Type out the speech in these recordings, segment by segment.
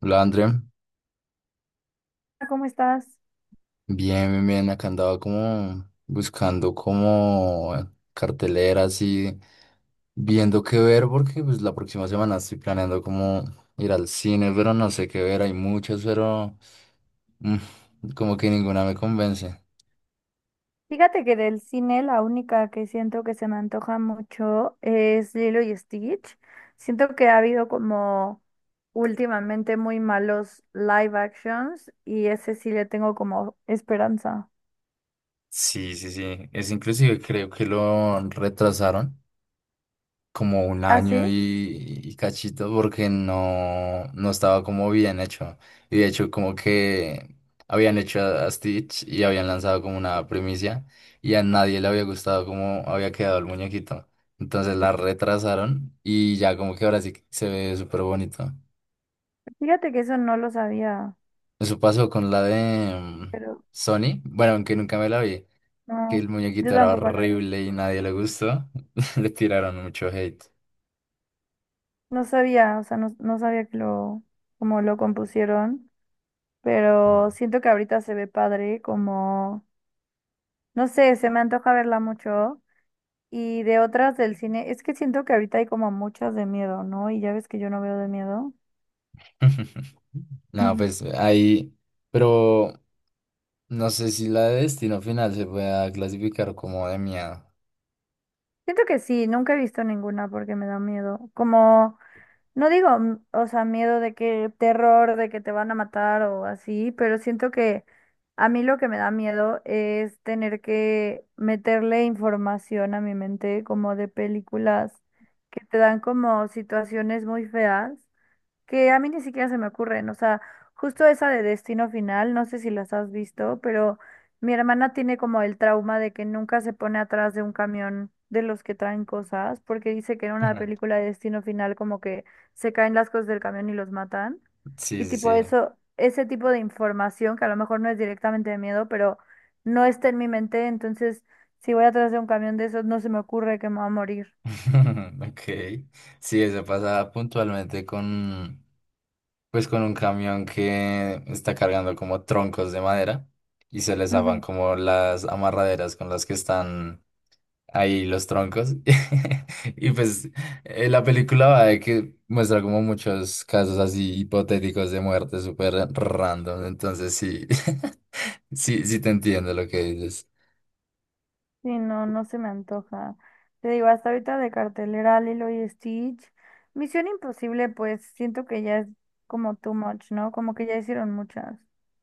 Hola, André. ¿Cómo estás? Bien, bien, bien. Acá andaba como buscando como carteleras y viendo qué ver porque pues la próxima semana estoy planeando como ir al cine, pero no sé qué ver. Hay muchas, pero como que ninguna me convence. Fíjate que del cine la única que siento que se me antoja mucho es Lilo y Stitch. Siento que ha habido como últimamente muy malos live actions y ese sí le tengo como esperanza. Sí, sí, sí. Es inclusive creo que lo retrasaron, como un ¿Ah, año sí? y cachito porque no, no estaba como bien hecho. Y de hecho como que habían hecho a Stitch y habían lanzado como una primicia y a nadie le había gustado cómo había quedado el muñequito. Entonces la retrasaron y ya como que ahora sí que se ve súper bonito. Fíjate que eso no lo sabía, Eso pasó con la de pero Sony, bueno, aunque nunca me la vi, que no, el yo muñequito era tampoco la vi. horrible y nadie le gustó, le tiraron mucho hate. No sabía, o sea, no sabía que lo, como lo compusieron, pero Mm. siento que ahorita se ve padre, como, no sé, se me antoja verla mucho. Y de otras del cine, es que siento que ahorita hay como muchas de miedo, ¿no? Y ya ves que yo no veo de miedo. No, Ujú. pues ahí, pero no sé si la de destino final se pueda clasificar como de miedo. Siento que sí, nunca he visto ninguna porque me da miedo. Como, no digo, o sea, miedo de que terror, de que te van a matar o así, pero siento que a mí lo que me da miedo es tener que meterle información a mi mente como de películas que te dan como situaciones muy feas, que a mí ni siquiera se me ocurren. O sea, justo esa de Destino Final, no sé si las has visto, pero mi hermana tiene como el trauma de que nunca se pone atrás de un camión de los que traen cosas, porque dice que en una película de Destino Final como que se caen las cosas del camión y los matan. Sí, Y sí, tipo sí. eso, ese tipo de información que a lo mejor no es directamente de miedo, pero no está en mi mente, entonces si voy atrás de un camión de esos no se me ocurre que me va a morir. Ok. Sí, eso pasa puntualmente con, pues con un camión que está cargando como troncos de madera y se les zafan como las amarraderas con las que están ahí los troncos. Y pues la película va de que muestra como muchos casos así hipotéticos de muerte súper random. Entonces sí, sí, sí te entiendo lo que dices. Sí, no, no se me antoja. Te digo, hasta ahorita de cartelera Lilo y Stitch. Misión Imposible, pues siento que ya es como too much, ¿no? Como que ya hicieron muchas.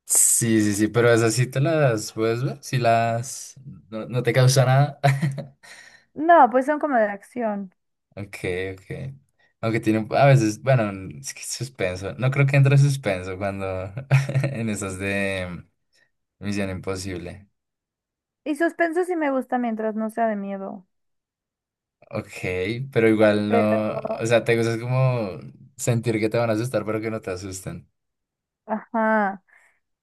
Sí, sí, sí, pero esas sí te las puedes ver, si las... No, no te causa nada. No, pues son como de acción. Ok, ok. Aunque tiene un- a veces, bueno, es que suspenso. No creo que entre suspenso cuando en esas de Misión Imposible. Y suspenso sí me gusta mientras no sea de miedo. Ok, pero igual Pero, no, o sea, te gusta es como sentir que te van a asustar, pero que no te asusten. ajá.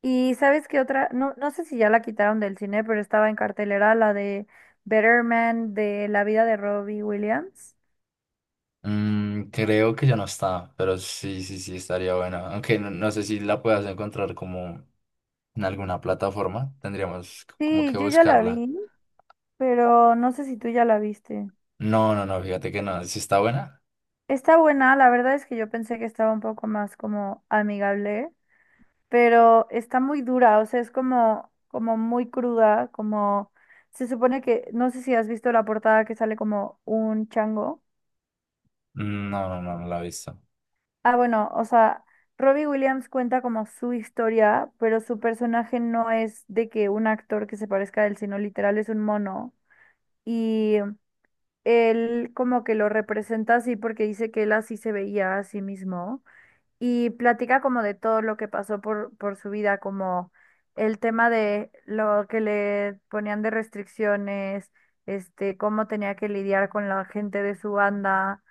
Y ¿sabes qué otra? No, no sé si ya la quitaron del cine, pero estaba en cartelera la de Better Man, de la vida de Robbie Williams. Mm, creo que ya no está, pero sí, sí, sí, estaría bueno. Aunque no, no sé si la puedas encontrar como en alguna plataforma, tendríamos c- como Sí, que yo ya la buscarla. vi, pero no sé si tú ya la viste. No, no, no, fíjate que no, si está buena. Está buena, la verdad es que yo pensé que estaba un poco más como amigable, pero está muy dura, o sea, es como, como muy cruda, como se supone que, no sé si has visto la portada que sale como un chango. No, no, no, no la he visto. Ah, bueno, o sea, Robbie Williams cuenta como su historia, pero su personaje no es de que un actor que se parezca a él, sino literal es un mono. Y él como que lo representa así porque dice que él así se veía a sí mismo, y platica como de todo lo que pasó por su vida, como el tema de lo que le ponían de restricciones, este, cómo tenía que lidiar con la gente de su banda,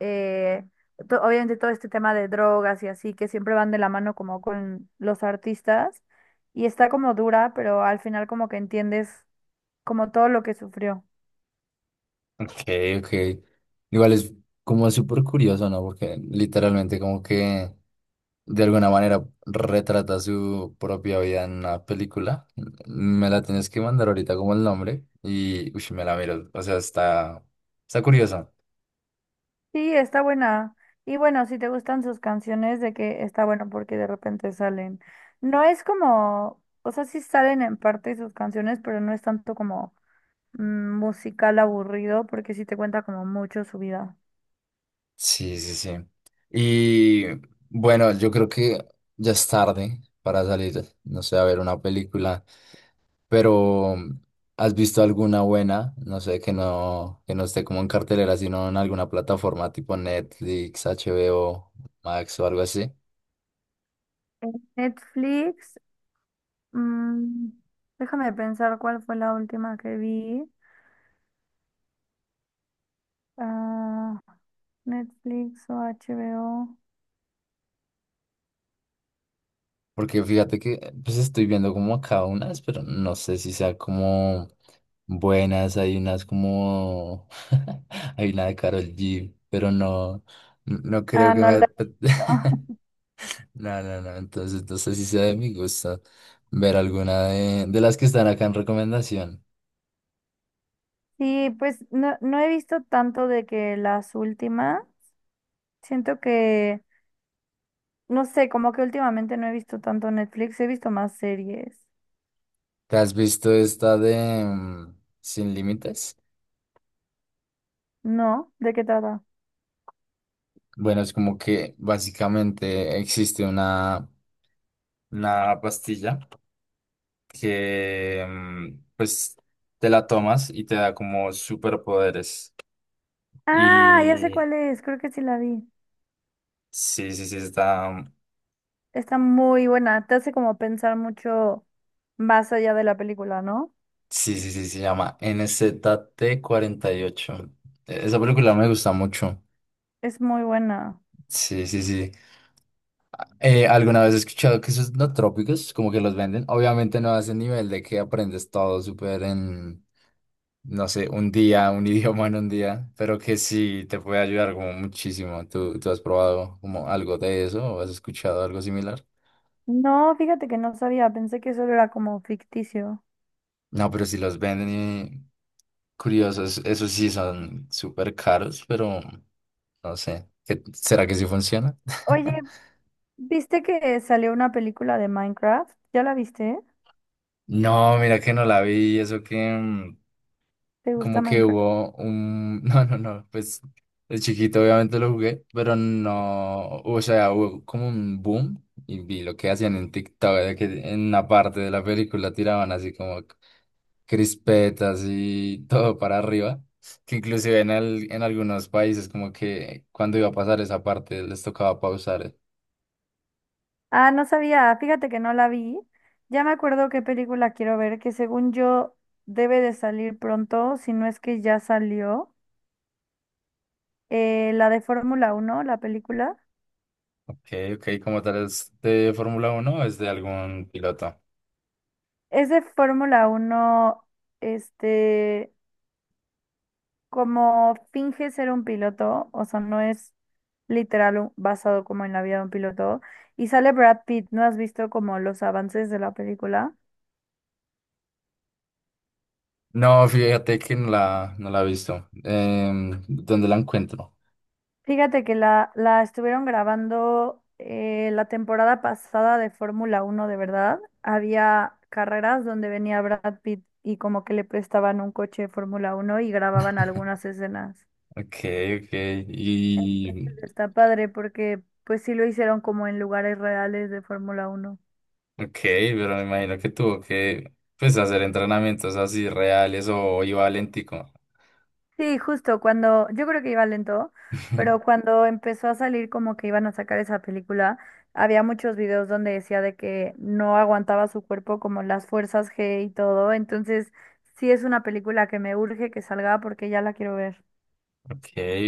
eh, obviamente todo este tema de drogas y así, que siempre van de la mano como con los artistas, y está como dura, pero al final como que entiendes como todo lo que sufrió. Ok, ok. Igual es como súper curioso, ¿no? Porque literalmente como que... de alguna manera retrata su propia vida en una película. Me la tienes que mandar ahorita como el nombre y ush, me la miro. O sea, está, está curiosa. Sí, está buena. Y bueno, si te gustan sus canciones, de que está bueno porque de repente salen. No es como, o sea, sí salen en parte sus canciones, pero no es tanto como musical aburrido porque sí te cuenta como mucho su vida. Sí, sí, sí. Y bueno, yo creo que ya es tarde para salir, no sé, a ver una película, pero ¿has visto alguna buena? No sé, que no esté como en cartelera, sino en alguna plataforma tipo Netflix, HBO, Max o algo así. En Netflix, mm, déjame pensar cuál fue la última que vi. Ah, Netflix o HBO. Porque fíjate que pues estoy viendo como acá unas, pero no sé si sea como buenas. Hay unas como hay una de Karol G, pero no, no creo Ah, que no la me he visto. No, no, no. Entonces no sé si sea de mi gusto ver alguna de las que están acá en recomendación. Sí, pues no, no he visto tanto de que las últimas. Siento que, no sé, como que últimamente no he visto tanto Netflix, he visto más series. ¿Te has visto esta de Sin Límites? ¿No? ¿De qué trata? Bueno, es como que básicamente existe una, pastilla. Que pues te la tomas y te da como superpoderes. Ah, ya sé Y cuál es, creo que sí la vi. sí, sí, sí, está... Está muy buena, te hace como pensar mucho más allá de la película, ¿no? Sí, sí, sí, se llama NZT-8 Esa película me gusta mucho. Es muy buena. Sí, sí, sí. Alguna vez he escuchado que esos no trópicos, como que los venden, obviamente no a ese nivel de que aprendes todo súper en, no sé, un día, un idioma en un día, pero que sí te puede ayudar como muchísimo. ¿Tú has probado como algo de eso o has escuchado algo similar? No, fíjate que no sabía, pensé que solo era como ficticio. No, pero si los venden y curiosos, esos sí son súper caros, pero no sé, ¿qué- será que sí funciona? Oye, ¿viste que salió una película de Minecraft? ¿Ya la viste? No, mira que no la vi, eso que... ¿Te gusta como que Minecraft? hubo un... No, no, no, pues de chiquito obviamente lo jugué, pero no, o sea, hubo como un boom y vi lo que hacían en TikTok, de que en una parte de la película tiraban así como crispetas y todo para arriba, que inclusive en algunos países como que cuando iba a pasar esa parte les tocaba pausar. Ah, no sabía, fíjate que no la vi. Ya me acuerdo qué película quiero ver, que según yo debe de salir pronto, si no es que ya salió. La de Fórmula 1, la película. Ok, ok, ¿cómo tal es de Fórmula Uno o es de algún piloto? Es de Fórmula 1, este, como finge ser un piloto, o sea, no es literal basado como en la vida de un piloto. Y sale Brad Pitt, ¿no has visto como los avances de la película? No, fíjate que no la, no la he visto. Em, ¿dónde la encuentro? Fíjate que la estuvieron grabando la temporada pasada de Fórmula Uno, de verdad. Había carreras donde venía Brad Pitt y como que le prestaban un coche de Fórmula Uno y grababan algunas escenas. Ok, ok. Y, Está padre porque pues sí lo hicieron como en lugares reales de Fórmula Uno. ok, pero me imagino que tuvo que, pues, hacer entrenamientos así reales o iba al Éntico. Sí, justo cuando, yo creo que iba lento, pero cuando empezó a salir como que iban a sacar esa película, había muchos videos donde decía de que no aguantaba su cuerpo como las fuerzas G y todo, entonces sí es una película que me urge que salga porque ya la quiero ver. Ok,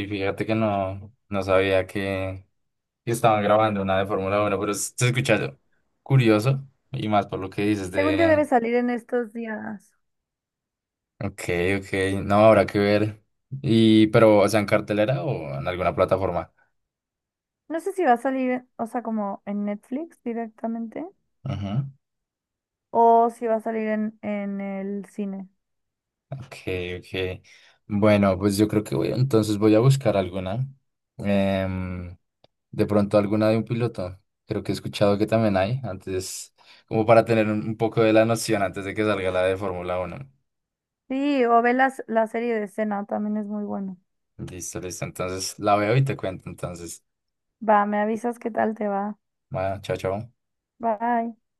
fíjate que no, no sabía que estaban grabando una de Fórmula Uno, pero se escucha curioso y más por lo que dices Según yo debe de... salir en estos días. Ok, ok, no habrá que ver. Y, pero, o sea, en cartelera o en alguna plataforma. No sé si va a salir, o sea, como en Netflix directamente, Ujú. o si va a salir en el cine. Ok, ok. Bueno, pues yo creo que voy, entonces voy a buscar alguna. Em, de pronto alguna de un piloto. Creo que he escuchado que también hay, antes, como para tener un, poco de la noción antes de que salga la de Fórmula Uno. Sí, o ve la serie de escena, también es muy bueno. Listo, listo. Entonces la veo y te cuento. Entonces, Va, me avisas qué tal te va. bueno, chao, chao. Bye.